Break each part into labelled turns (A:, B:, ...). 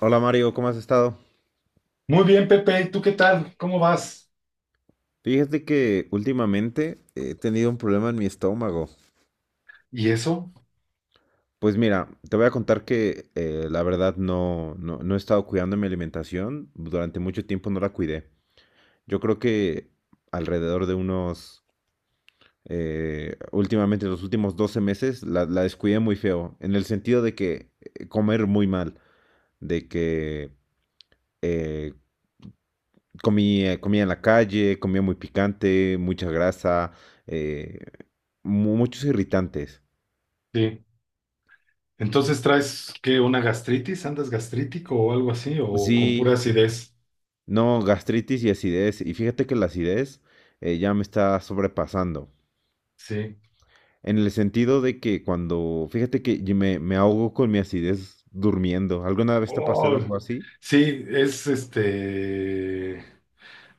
A: Hola Mario, ¿cómo has estado?
B: Muy bien, Pepe, ¿Tú qué tal? ¿Cómo vas?
A: Fíjate que últimamente he tenido un problema en mi estómago.
B: ¿Y eso?
A: Pues mira, te voy a contar que la verdad no he estado cuidando mi alimentación. Durante mucho tiempo no la cuidé. Yo creo que alrededor de unos, últimamente los últimos 12 meses la descuidé muy feo. En el sentido de que comer muy mal, de que eh, comía en la calle, comía muy picante, mucha grasa, eh, muchos irritantes.
B: Sí. Entonces traes qué, una gastritis, andas gastrítico o algo así, o
A: Sí,
B: con pura acidez.
A: no, gastritis y acidez. Y fíjate que la acidez ya me está sobrepasando.
B: Sí.
A: En el sentido de que fíjate que me ahogo con mi acidez durmiendo. ¿Alguna vez te ha pasado
B: Oh,
A: algo así?
B: sí, es este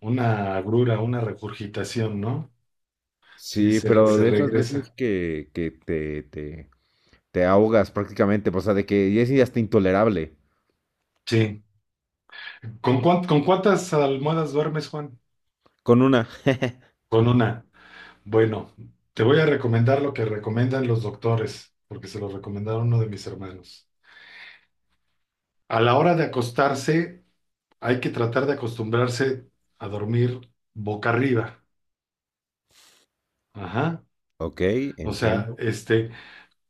B: una agrura, una regurgitación, ¿no? Sí,
A: Sí,
B: se,
A: pero
B: se
A: de esas veces
B: regresa.
A: que te ahogas prácticamente, o sea, de que ya es hasta intolerable.
B: Sí. ¿Con cuántas almohadas duermes, Juan?
A: Con una.
B: Con una. Bueno, te voy a recomendar lo que recomiendan los doctores, porque se lo recomendaron uno de mis hermanos. A la hora de acostarse, hay que tratar de acostumbrarse a dormir boca arriba. Ajá.
A: Ok,
B: O sea,
A: entiendo.
B: este,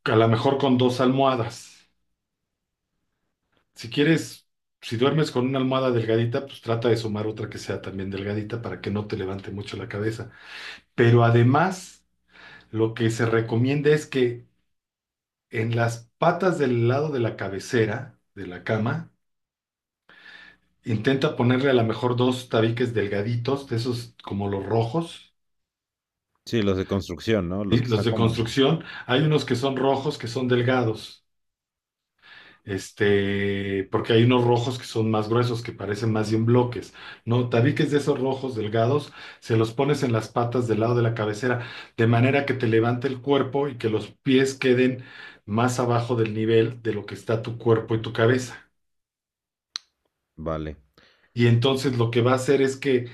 B: a lo mejor con dos almohadas. Si quieres, si duermes con una almohada delgadita, pues trata de sumar otra que sea también delgadita para que no te levante mucho la cabeza. Pero además, lo que se recomienda es que en las patas del lado de la cabecera de la cama, intenta ponerle a lo mejor dos tabiques delgaditos, de esos como los rojos.
A: Sí, los de construcción, ¿no?
B: ¿Sí?
A: Los que
B: Los
A: están
B: de
A: como en...
B: construcción, hay unos que son rojos, que son delgados, este, porque hay unos rojos que son más gruesos, que parecen más bien bloques, ¿no? Tabiques de esos rojos delgados, se los pones en las patas del lado de la cabecera, de manera que te levante el cuerpo y que los pies queden más abajo del nivel de lo que está tu cuerpo y tu cabeza.
A: Vale.
B: Y entonces lo que va a hacer es que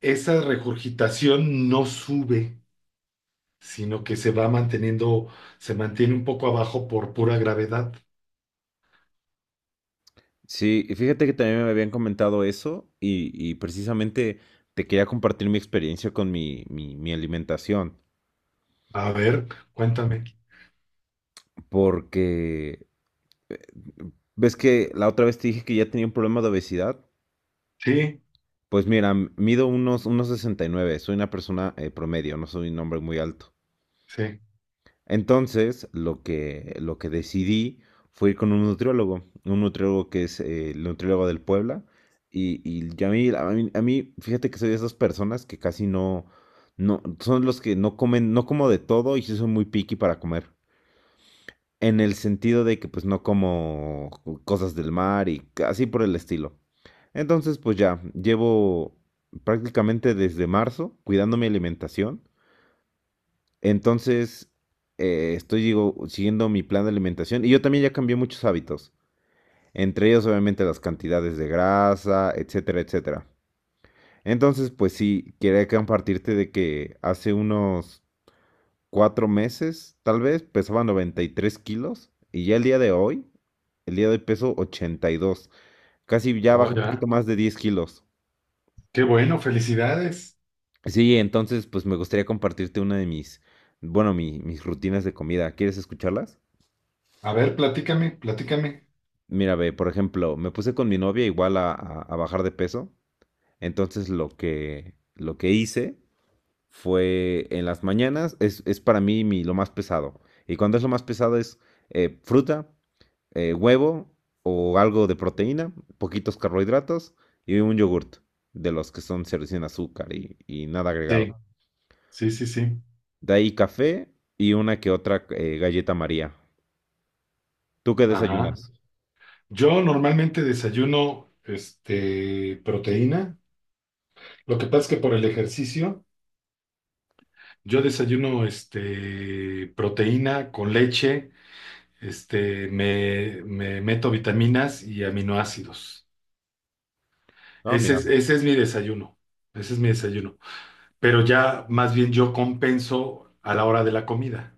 B: esa regurgitación no sube, sino que se va manteniendo, se mantiene un poco abajo por pura gravedad.
A: Sí, y fíjate que también me habían comentado eso y precisamente te quería compartir mi experiencia con mi alimentación,
B: A ver, cuéntame.
A: porque eh, ves que la otra vez te dije que ya tenía un problema de obesidad.
B: Sí,
A: Pues mira, mido unos, unos 69. Soy una persona promedio, no soy un hombre muy alto.
B: sí.
A: Entonces, lo que decidí fue ir con un nutriólogo que es el nutriólogo del Puebla. Y ya a mí, fíjate que soy de esas personas que casi no, no, son los que no comen, no como de todo y sí soy muy picky para comer. En el sentido de que pues no como cosas del mar y así por el estilo. Entonces, pues ya, llevo prácticamente desde marzo cuidando mi alimentación, entonces, siguiendo mi plan de alimentación y yo también ya cambié muchos hábitos, entre ellos obviamente las cantidades de grasa, etcétera, etcétera. Entonces, pues sí, quería compartirte de que hace unos cuatro meses, tal vez, pesaba 93 kilos y ya el día de hoy, el día de hoy peso 82, casi ya
B: Oh,
A: bajé un poquito
B: ya.
A: más de 10 kilos.
B: Qué bueno, felicidades.
A: Sí, entonces, pues me gustaría compartirte una de mis, bueno, mis rutinas de comida. ¿Quieres escucharlas?
B: A ver, platícame, platícame.
A: Mira, ve, por ejemplo, me puse con mi novia igual a bajar de peso. Entonces lo que hice fue en las mañanas, es para mí mi, lo más pesado. Y cuando es lo más pesado es fruta, huevo o algo de proteína, poquitos carbohidratos y un yogurt, de los que son cero sin azúcar y nada agregado.
B: Sí, sí, sí, sí.
A: De ahí café y una que otra galleta María. ¿Tú qué
B: Ajá.
A: desayunas?
B: Yo normalmente desayuno, este, proteína. Lo que pasa es que por el ejercicio, yo desayuno, este, proteína con leche, este, me meto vitaminas y aminoácidos.
A: Ah,
B: Ese
A: mira.
B: es, ese es mi desayuno. Ese es mi desayuno, pero ya más bien yo compenso a la hora de la comida.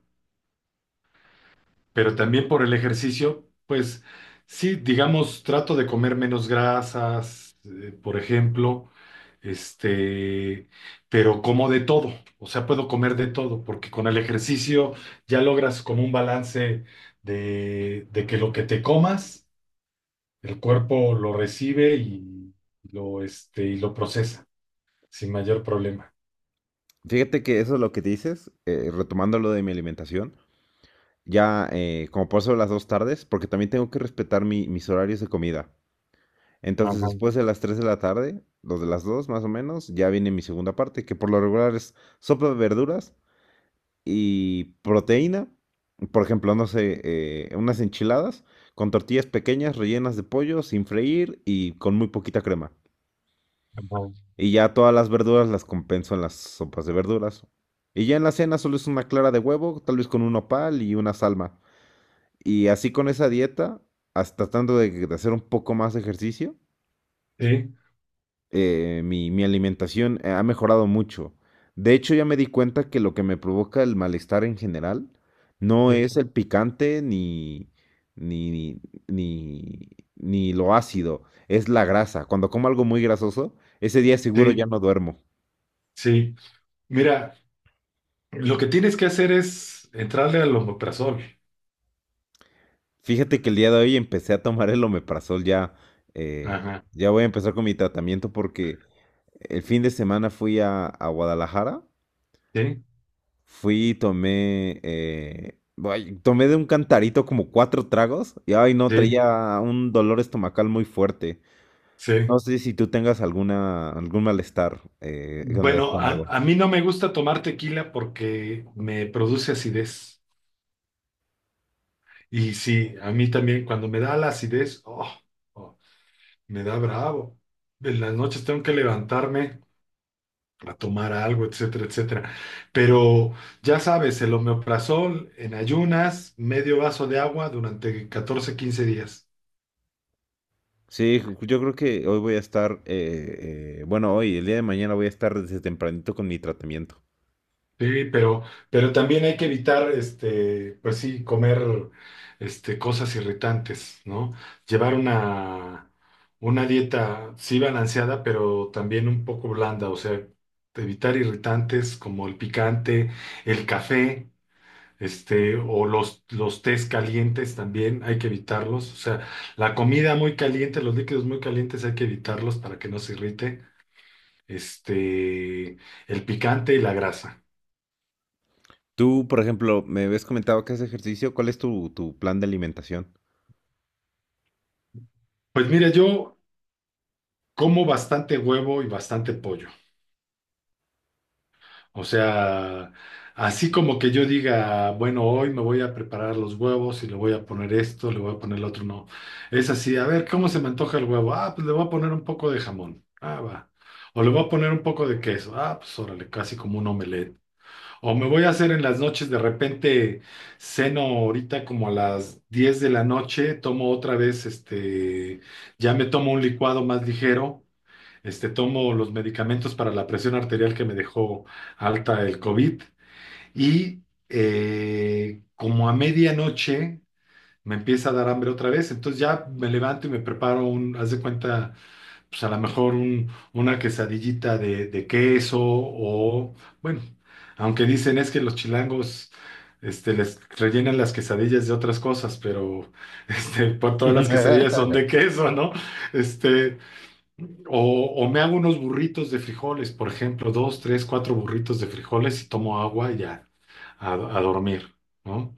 B: Pero también por el ejercicio, pues sí, digamos, trato de comer menos grasas, por ejemplo, este, pero como de todo, o sea, puedo comer de todo, porque con el ejercicio ya logras como un balance de que lo que te comas, el cuerpo lo recibe y lo, este, y lo procesa sin mayor problema.
A: Fíjate que eso es lo que dices, retomando lo de mi alimentación, ya como paso las dos tardes, porque también tengo que respetar mis horarios de comida. Entonces,
B: Ajá,
A: después de las 3 de la tarde, los de las 2 más o menos, ya viene mi segunda parte, que por lo regular es sopa de verduras y proteína. Por ejemplo, no sé, unas enchiladas con tortillas pequeñas rellenas de pollo sin freír y con muy poquita crema.
B: ajá.
A: Y ya todas las verduras las compenso en las sopas de verduras. Y ya en la cena solo es una clara de huevo, tal vez con un nopal y una salma. Y así con esa dieta, hasta tratando de hacer un poco más de ejercicio,
B: Sí,
A: mi alimentación ha mejorado mucho. De hecho, ya me di cuenta que lo que me provoca el malestar en general no
B: sí,
A: es el picante ni, ni, ni lo ácido, es la grasa. Cuando como algo muy grasoso, ese día seguro ya
B: sí.
A: no duermo.
B: Sí, mira, lo que tienes que hacer es entrarle al omeprazol.
A: Fíjate que el día de hoy empecé a tomar el omeprazol ya. eh,
B: Ajá,
A: ya voy a empezar con mi tratamiento porque el fin de semana fui a Guadalajara.
B: sí,
A: Fui y tomé. Ay, tomé de un cantarito como cuatro tragos. Y ay, no,
B: sí,
A: traía un dolor estomacal muy fuerte. No
B: sí.
A: sé si tú tengas algún malestar con el
B: Bueno, a,
A: estómago.
B: a mí no me gusta tomar tequila porque me produce acidez. Y sí, a mí también cuando me da la acidez, oh, oh, me da bravo. En las noches tengo que levantarme a tomar algo, etcétera, etcétera. Pero ya sabes, el omeprazol en ayunas, medio vaso de agua durante 14-15 días.
A: Sí, yo creo que hoy voy a estar. Bueno, hoy, el día de mañana voy a estar desde tempranito con mi tratamiento.
B: Sí, pero también hay que evitar, este, pues sí, comer, este, cosas irritantes, ¿no? Llevar una dieta, sí, balanceada, pero también un poco blanda, o sea, evitar irritantes como el picante, el café, este, o los tés calientes también hay que evitarlos, o sea, la comida muy caliente, los líquidos muy calientes hay que evitarlos para que no se irrite, este, el picante y la grasa.
A: Tú, por ejemplo, me habías comentado que haces ejercicio. ¿Cuál es tu plan de alimentación?
B: Pues mira, yo como bastante huevo y bastante pollo. O sea, así como que yo diga, bueno, hoy me voy a preparar los huevos y le voy a poner esto, le voy a poner lo otro, no. Es así, a ver, ¿cómo se me antoja el huevo? Ah, pues le voy a poner un poco de jamón. Ah, va. O le voy a poner un poco de queso. Ah, pues órale, casi como un omelette. O me voy a hacer en las noches, de repente ceno ahorita como a las 10 de la noche, tomo otra vez, este, ya me tomo un licuado más ligero, este, tomo los medicamentos para la presión arterial que me dejó alta el COVID y como a medianoche me empieza a dar hambre otra vez, entonces ya me levanto y me preparo un, haz de cuenta, pues a lo mejor una quesadillita de queso o, bueno, aunque dicen es que los chilangos... Este, les rellenan las quesadillas de otras cosas, pero este, por todas las quesadillas son de queso, ¿no? Este, o, o me hago unos burritos de frijoles, por ejemplo, dos, tres, cuatro burritos de frijoles y tomo agua y ya a dormir, ¿no?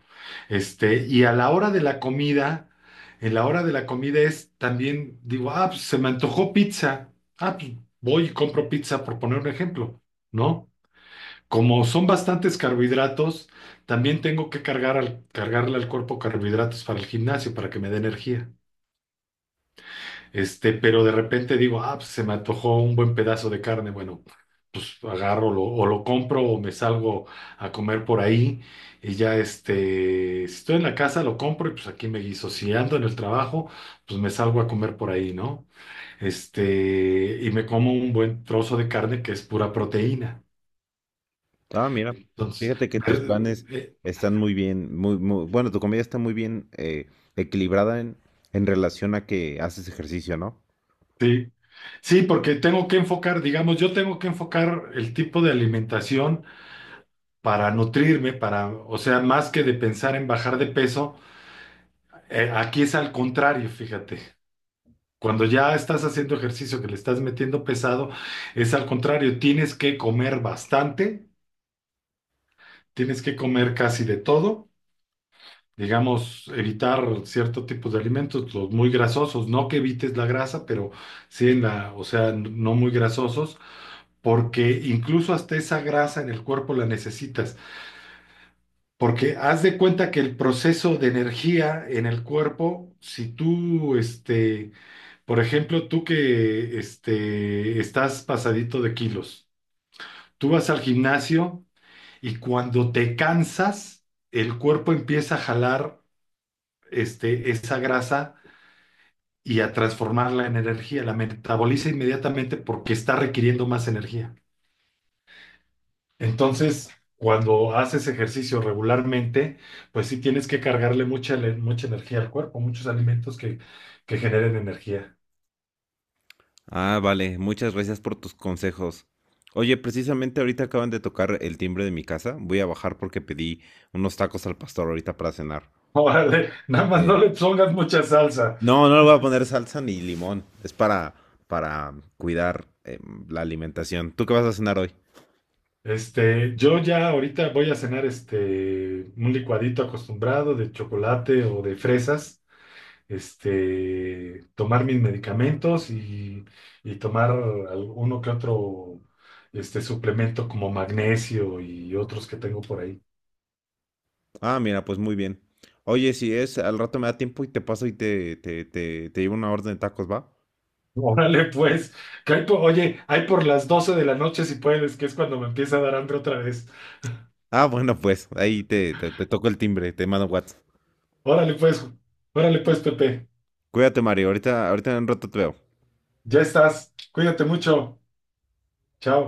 B: Este, y a la hora de la comida, en la hora de la comida es también, digo, ah, pues se me antojó pizza. Ah, pues voy y compro pizza, por poner un ejemplo, ¿no? Como son bastantes carbohidratos, también tengo que cargar al, cargarle al cuerpo carbohidratos para el gimnasio, para que me dé energía. Este, pero de repente digo, ah, pues se me antojó un buen pedazo de carne. Bueno, pues agarro o lo compro o me salgo a comer por ahí. Y ya, este, si estoy en la casa, lo compro y pues aquí me guiso. Si ando en el trabajo, pues me salgo a comer por ahí, ¿no? Este, y me como un buen trozo de carne que es pura proteína.
A: Ah, mira,
B: Entonces,
A: fíjate que tus planes están muy bien, muy, muy, bueno, tu comida está muy bien equilibrada en relación a que haces ejercicio, ¿no?
B: sí. Sí, porque tengo que enfocar, digamos, yo tengo que enfocar el tipo de alimentación para nutrirme, para, o sea, más que de pensar en bajar de peso, aquí es al contrario, fíjate. Cuando ya estás haciendo ejercicio que le estás metiendo pesado, es al contrario, tienes que comer bastante, tienes que comer casi de todo, digamos, evitar cierto tipo de alimentos, los muy grasosos, no que evites la grasa, pero sí en la, o sea, no muy grasosos, porque incluso hasta esa grasa en el cuerpo la necesitas. Porque haz de cuenta que el proceso de energía en el cuerpo, si tú, este, por ejemplo, tú que este, estás pasadito de kilos, tú vas al gimnasio y cuando te cansas, el cuerpo empieza a jalar, este, esa grasa y a transformarla en energía, la metaboliza inmediatamente porque está requiriendo más energía. Entonces, cuando haces ejercicio regularmente, pues sí tienes que cargarle mucha energía al cuerpo, muchos alimentos que generen energía.
A: Ah, vale, muchas gracias por tus consejos. Oye, precisamente ahorita acaban de tocar el timbre de mi casa. Voy a bajar porque pedí unos tacos al pastor ahorita para cenar.
B: Órale, nada más no
A: Eh,
B: le pongas mucha salsa.
A: No, no le voy a poner salsa ni limón. Es para cuidar la alimentación. ¿Tú qué vas a cenar hoy?
B: Este, yo ya ahorita voy a cenar, este, un licuadito acostumbrado de chocolate o de fresas, este, tomar mis medicamentos y tomar alguno que otro, este, suplemento como magnesio y otros que tengo por ahí.
A: Ah, mira, pues muy bien. Oye, si es, al rato me da tiempo y te paso y te llevo una orden de tacos, ¿va?
B: Órale, pues, que hay oye, hay por las 12 de la noche si puedes, que es cuando me empieza a dar hambre otra vez.
A: Ah, bueno, pues ahí te toco el timbre, te mando WhatsApp.
B: Órale, pues, órale, pues, Pepe,
A: Cuídate, Mario. Ahorita, ahorita en un rato te veo.
B: ya estás, cuídate mucho, chao.